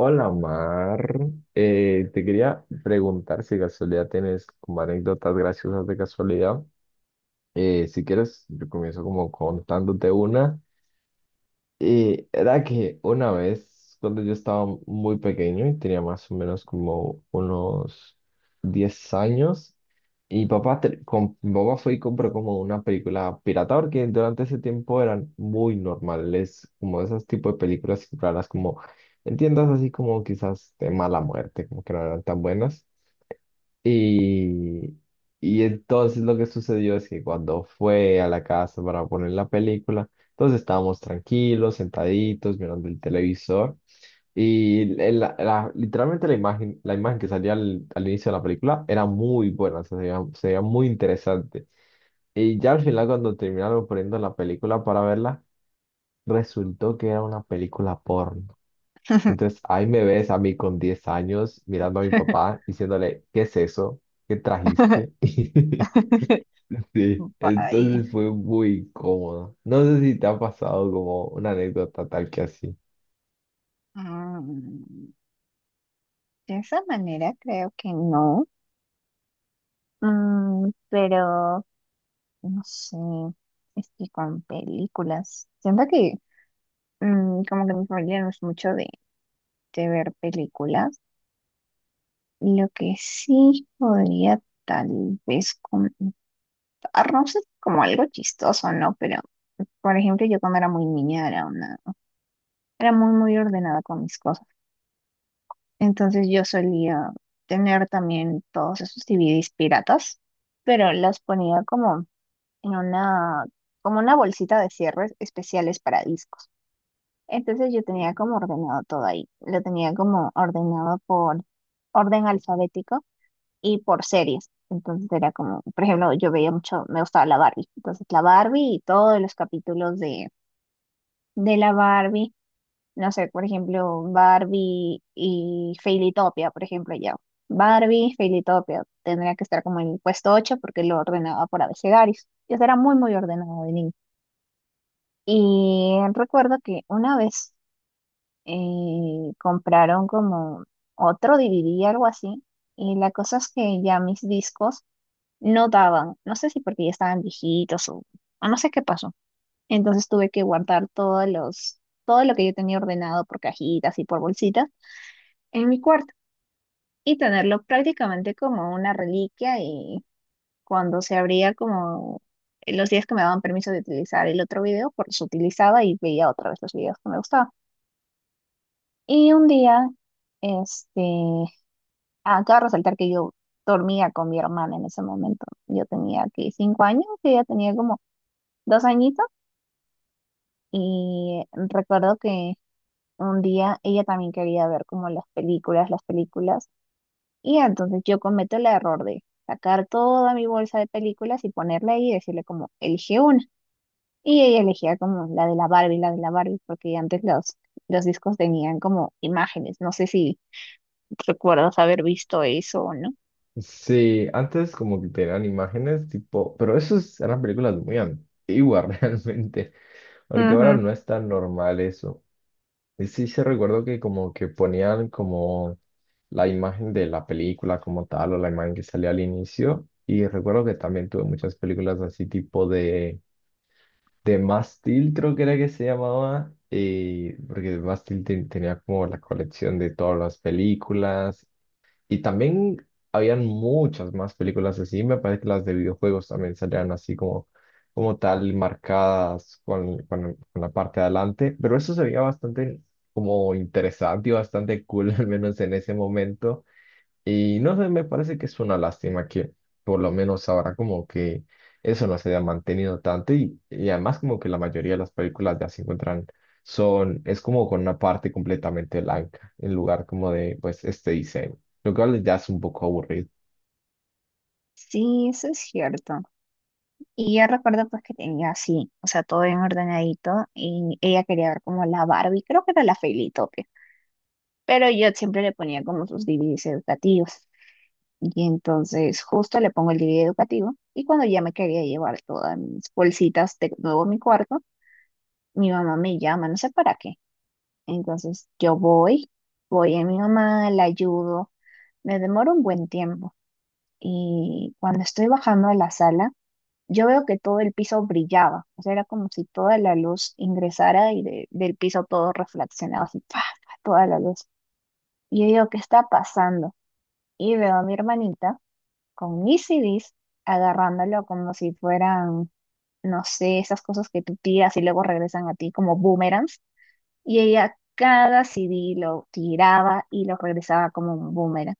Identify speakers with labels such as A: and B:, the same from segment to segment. A: Hola, Mar. Te quería preguntar si de casualidad tienes como anécdotas graciosas de casualidad. Si quieres, yo comienzo como contándote una, y era que una vez, cuando yo estaba muy pequeño y tenía más o menos como unos 10 años, y papá, mi papá fue y compró como una película pirata, porque durante ese tiempo eran muy normales, como esos tipos de películas raras, como en tiendas así como quizás de mala muerte, como que no eran tan buenas. Y, y entonces lo que sucedió es que cuando fue a la casa para poner la película, entonces estábamos tranquilos, sentaditos, mirando el televisor. Y literalmente la imagen que salía al inicio de la película era muy buena, o sea, se veía muy interesante. Y ya al final, cuando terminaron poniendo la película para verla, resultó que era una película porno. Entonces ahí me ves a mí con 10 años mirando a mi papá diciéndole, ¿qué es eso? ¿Qué trajiste? Sí,
B: Vaya.
A: entonces fue muy incómodo. No sé si te ha pasado como una anécdota tal que así.
B: Mm, de esa manera creo que no. Pero no sé. Es que con películas. Siento que como que mi familia no es mucho de ver películas. Lo que sí podría tal vez contar, no sé, como algo chistoso, ¿no? Pero, por ejemplo, yo cuando era muy niña era muy, muy ordenada con mis cosas. Entonces yo solía tener también todos esos DVDs piratas, pero las ponía como en una, como una bolsita de cierres especiales para discos. Entonces yo tenía como ordenado todo ahí. Lo tenía como ordenado por orden alfabético y por series. Entonces era como, por ejemplo, yo veía mucho, me gustaba la Barbie. Entonces la Barbie y todos los capítulos de, la Barbie no sé, por ejemplo, Barbie y Fairytopia, por ejemplo, ya. Barbie, Fairytopia, tendría que estar como en el puesto 8 porque lo ordenaba por abecedarios. Yo era muy, muy ordenado de niño. Y recuerdo que una vez compraron como otro DVD, algo así, y la cosa es que ya mis discos no daban, no sé si porque ya estaban viejitos o no sé qué pasó. Entonces tuve que guardar todo lo que yo tenía ordenado por cajitas y por bolsitas en mi cuarto y tenerlo prácticamente como una reliquia y cuando se abría como los días que me daban permiso de utilizar el otro video, pues los utilizaba y veía otra vez los videos que me gustaban. Y un día, este, acabo de resaltar que yo dormía con mi hermana en ese momento. Yo tenía aquí 5 años, que ella tenía como 2 añitos y recuerdo que un día ella también quería ver como las películas, las películas. Y entonces yo cometo el error de sacar toda mi bolsa de películas y ponerla ahí y decirle como, elige una. Y ella elegía como la de la Barbie, la de la Barbie, porque antes los, discos tenían como imágenes. No sé si recuerdas haber visto eso o no.
A: Sí, antes como que tenían imágenes tipo, pero esas eran películas muy antiguas realmente, porque ahora
B: Ujú.
A: no es tan normal eso. Y sí, se recuerdo que como que ponían como la imagen de la película como tal o la imagen que salía al inicio. Y recuerdo que también tuve muchas películas así tipo de Mástil, creo que era que se llamaba. Y porque Mástil tenía como la colección de todas las películas y también habían muchas más películas así. Me parece que las de videojuegos también salían así como, como tal, marcadas con la parte de adelante. Pero eso se veía bastante como interesante y bastante cool, al menos en ese momento. Y no sé, me parece que es una lástima que por lo menos ahora como que eso no se haya mantenido tanto y además como que la mayoría de las películas ya se encuentran son, es como con una parte completamente blanca en lugar como de pues este diseño, lo cual ya es un poco aburrido.
B: Sí, eso es cierto. Y yo recuerdo pues que tenía así, o sea, todo bien ordenadito y ella quería ver como la Barbie, creo que era la Felitope, pero yo siempre le ponía como sus DVDs educativos. Y entonces justo le pongo el DVD educativo y cuando ya me quería llevar todas mis bolsitas de nuevo a mi cuarto, mi mamá me llama, no sé para qué. Entonces yo voy a mi mamá, la ayudo, me demoro un buen tiempo y cuando estoy bajando a la sala, yo veo que todo el piso brillaba, o sea, era como si toda la luz ingresara y del piso todo reflexionaba así, ¡pa! Pa, toda la luz. Y yo digo, ¿qué está pasando? Y veo a mi hermanita con mis CDs, agarrándolo como si fueran, no sé, esas cosas que tú tiras y luego regresan a ti como boomerangs. Y ella cada CD lo tiraba y lo regresaba como un boomerang.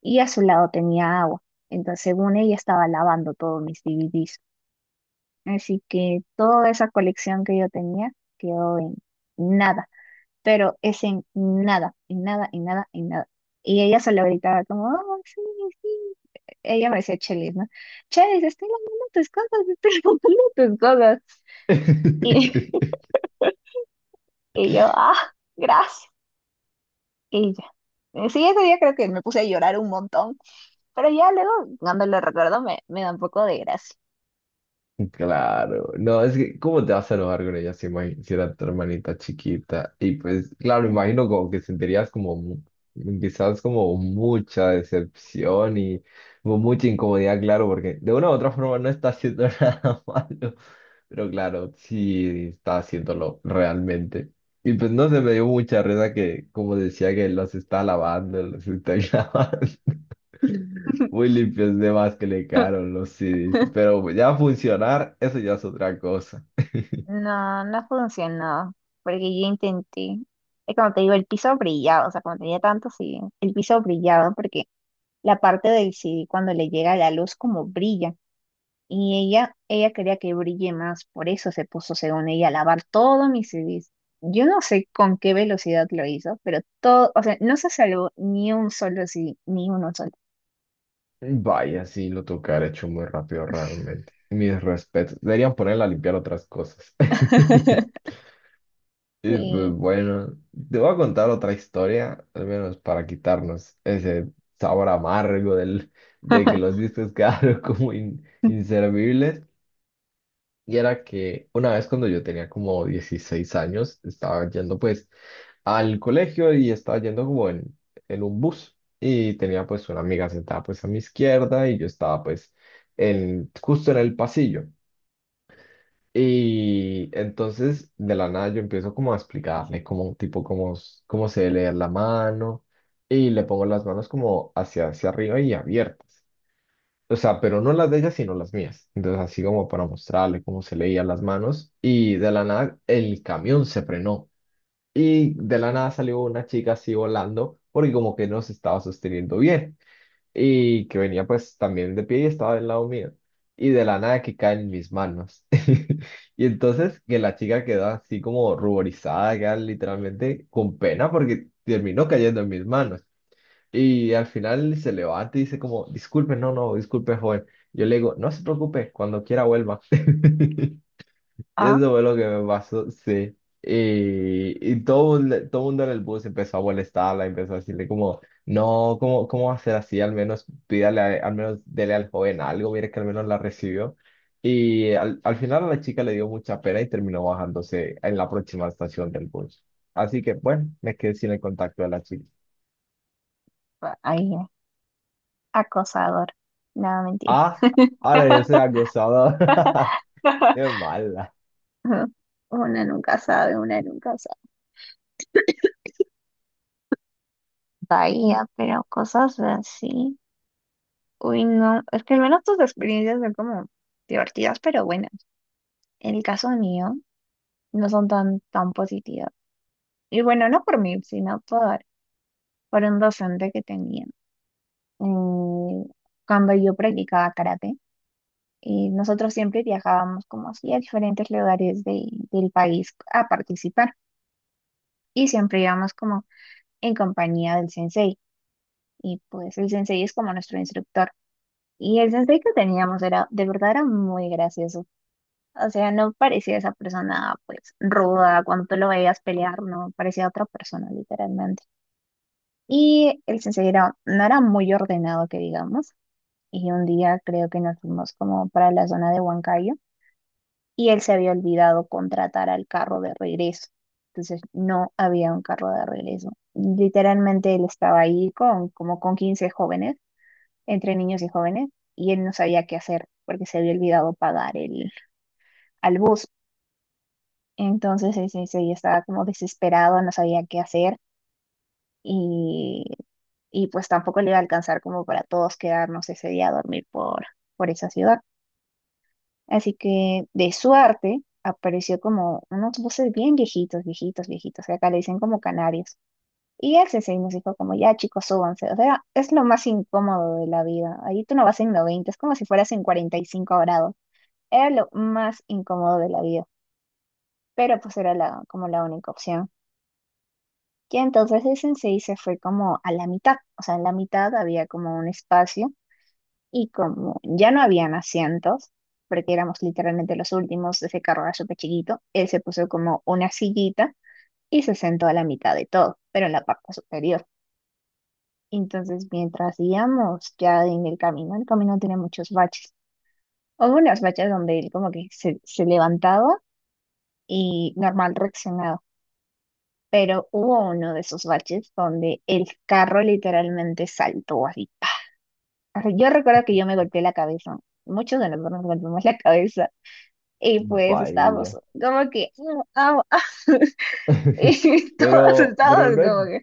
B: Y a su lado tenía agua. Entonces, según ella, estaba lavando todos mis DVDs. Así que toda esa colección que yo tenía quedó en nada. Pero es en nada, en nada, en nada, en nada. Y ella solo gritaba como, oh, sí, sí, ella me decía Chelis, ¿no? Chelis, estoy lavando tus cosas, estoy lavando tus cosas. Y, y yo, ah, gracias. Y ya. Sí, ese día creo que me puse a llorar un montón, pero ya luego, cuando lo recuerdo, me da un poco de gracia.
A: Claro, no, es que, ¿cómo te vas a enojar con ella si, si era tu hermanita chiquita? Y pues, claro, imagino como que sentirías como, quizás como mucha decepción y como mucha incomodidad, claro, porque de una u otra forma no está haciendo nada malo, pero claro, sí está haciéndolo realmente. Y pues no se me dio mucha risa que, como decía, que los está lavando, los está grabando. Muy limpios de más que le quedaron los CDs. Pero ya funcionar, eso ya es otra cosa.
B: No, no funcionó, porque yo intenté. Es como te digo, el piso brillaba, o sea, cuando tenía tanto, sí, el piso brillaba, porque la parte del CD, cuando le llega la luz, como brilla. Y ella quería que brille más, por eso se puso, según ella, a lavar todos mis CDs. Yo no sé con qué velocidad lo hizo, pero todo, o sea, no se salvó ni un solo CD, ni uno solo.
A: Vaya, sí, lo tocar hecho muy rápido realmente. Mis respetos. Deberían ponerla a limpiar otras cosas. Y pues
B: Sí.
A: bueno, te voy a contar otra historia, al menos para quitarnos ese sabor amargo de que los discos quedaron como inservibles. Y era que una vez cuando yo tenía como 16 años, estaba yendo pues al colegio y estaba yendo como en un bus y tenía pues una amiga sentada pues a mi izquierda y yo estaba pues en, justo en el pasillo. Y entonces de la nada yo empiezo como a explicarle como tipo cómo, cómo se debe leer la mano y le pongo las manos como hacia, hacia arriba y abiertas. O sea, pero no las de ella, sino las mías. Entonces, así como para mostrarle cómo se leían las manos. Y de la nada, el camión se frenó. Y de la nada salió una chica así volando, porque como que no se estaba sosteniendo bien. Y que venía pues también de pie y estaba del lado mío. Y de la nada que cae en mis manos. Y entonces que la chica quedó así como ruborizada, ya literalmente con pena, porque terminó cayendo en mis manos. Y al final se levanta y dice como, disculpe, no, no, disculpe, joven. Yo le digo, no se preocupe, cuando quiera vuelva. Y
B: Ah,
A: eso fue lo que me pasó, sí. Y todo, todo el mundo en el bus empezó a molestarla, empezó a decirle como, no, cómo va a ser así? Al menos pídale, al menos dele al joven algo, mire que al menos la recibió. Y al final a la chica le dio mucha pena y terminó bajándose en la próxima estación del bus. Así que, bueno, me quedé sin el contacto de la chica.
B: ahí, acosador. No, mentira.
A: Ah, ahora yo soy acusado. Qué mala.
B: Ujú. Una nunca sabe, una nunca sabe. Bahía, pero cosas así. Uy, no. Es que al menos tus experiencias son como divertidas, pero buenas. En el caso mío, no son tan, tan positivas. Y bueno, no por mí, sino por un docente que tenía. eh, Cuando yo practicaba karate, y nosotros siempre viajábamos como así a diferentes lugares del país a participar y siempre íbamos como en compañía del sensei. Y pues el sensei es como nuestro instructor. Y el sensei que teníamos era, de verdad era muy gracioso. O sea, no parecía esa persona pues ruda, cuando tú lo veías pelear, no, parecía otra persona literalmente. Y el sensei no era muy ordenado, que digamos. Y un día creo que nos fuimos como para la zona de Huancayo y él se había olvidado contratar al carro de regreso. Entonces no había un carro de regreso. Literalmente él estaba ahí con como con 15 jóvenes, entre niños y jóvenes, y él no sabía qué hacer porque se había olvidado pagar al bus. Entonces el sensei estaba como desesperado, no sabía qué hacer. y y pues tampoco le iba a alcanzar como para todos quedarnos ese día a dormir por esa ciudad. Así que de suerte apareció como unos buses bien viejitos, viejitos, viejitos, que acá le dicen como canarios. Y él y nos dijo como, ya chicos, súbanse. O sea, es lo más incómodo de la vida. Ahí tú no vas en 90 es como si fueras en 45 grados. Era lo más incómodo de la vida, pero pues era como la única opción. Y entonces el sensei se fue como a la mitad, o sea, en la mitad había como un espacio. Y como ya no habían asientos, porque éramos literalmente los últimos, ese carro era súper chiquito, él se puso como una sillita y se sentó a la mitad de todo, pero en la parte superior. Entonces, mientras íbamos ya en el camino tenía muchos baches. Hubo unos baches donde él como que se levantaba y normal reaccionaba, pero hubo uno de esos baches donde el carro literalmente saltó así. ¡Pa! Yo recuerdo que yo me golpeé la cabeza. Muchos de nosotros nos golpeamos la cabeza. Y pues estábamos
A: Vaya.
B: como que, "Mm, au, ah", y todos
A: Pero
B: estábamos
A: no es.
B: como que,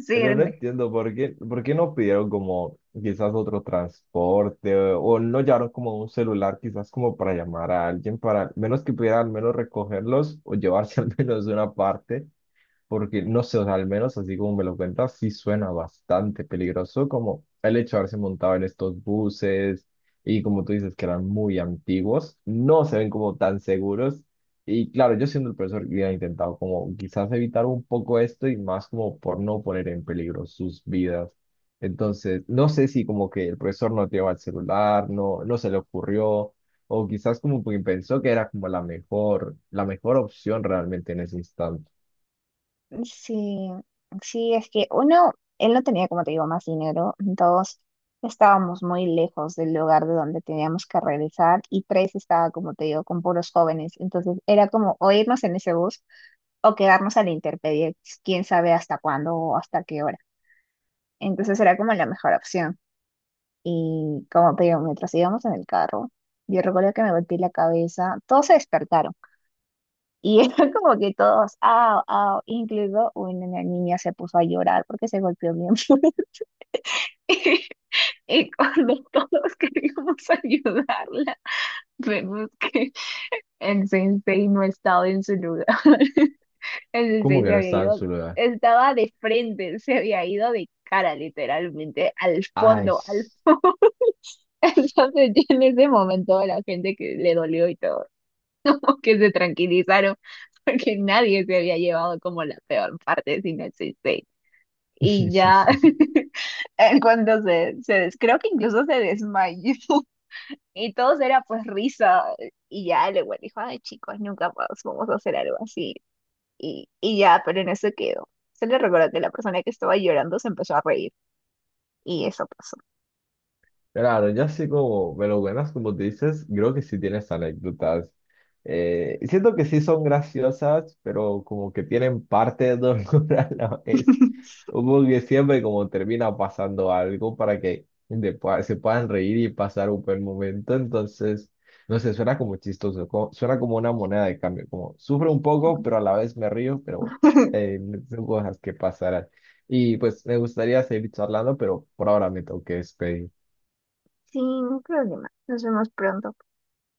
B: sí,
A: Pero no entiendo por qué no pidieron como quizás otro transporte o no llevaron como un celular quizás como para llamar a alguien para al menos que pudiera al menos recogerlos o llevarse al menos una parte, porque no sé, o sea, al menos así como me lo cuentas, sí suena bastante peligroso como el hecho de haberse montado en estos buses y como tú dices que eran muy antiguos, no se ven como tan seguros y claro, yo siendo el profesor hubiera intentado como quizás evitar un poco esto y más como por no poner en peligro sus vidas. Entonces, no sé si como que el profesor no llevaba el celular, no se le ocurrió, o quizás como que pensó que era como la mejor opción realmente en ese instante.
B: sí, sí, es que uno, él no tenía, como te digo, más dinero, dos, estábamos muy lejos del lugar de donde teníamos que regresar, y tres, estaba, como te digo, con puros jóvenes, entonces era como o irnos en ese bus o quedarnos a la intemperie, quién sabe hasta cuándo o hasta qué hora. Entonces era como la mejor opción. Y como te digo, mientras íbamos en el carro, yo recuerdo que me golpeé la cabeza, todos se despertaron y era como que todos, ah, ah, incluido una niña se puso a llorar porque se golpeó bien fuerte. Y cuando todos queríamos ayudarla, vemos que el sensei no estaba en su lugar. El
A: Como
B: sensei
A: que
B: se
A: no
B: había
A: estaba en
B: ido,
A: su lugar.
B: estaba de frente, se había ido de cara literalmente al
A: Ay.
B: fondo, al fondo. Entonces, ya en ese momento, a la gente que le dolió y todo, como que se tranquilizaron, porque nadie se había llevado como la peor parte, sino el 6-6. Y ya, en cuando creo que incluso se desmayó, y todos era pues risa, y ya el igual dijo, ay chicos, nunca más vamos a hacer algo así, y ya, pero en eso quedó. Se le recordó que la persona que estaba llorando se empezó a reír, y eso pasó.
A: Claro, ya así como me lo ganas, como te dices, creo que sí tienes anécdotas. Siento que sí son graciosas, pero como que tienen parte de dolor a la vez. Como que siempre como termina pasando algo para que se puedan reír y pasar un buen momento. Entonces, no sé, suena como chistoso, suena como una moneda de cambio, como sufro un poco, pero a la vez me río, pero bueno, eh, son cosas que pasarán. Y pues me gustaría seguir charlando, pero por ahora me tengo que despedir.
B: Sin problema, nos vemos pronto.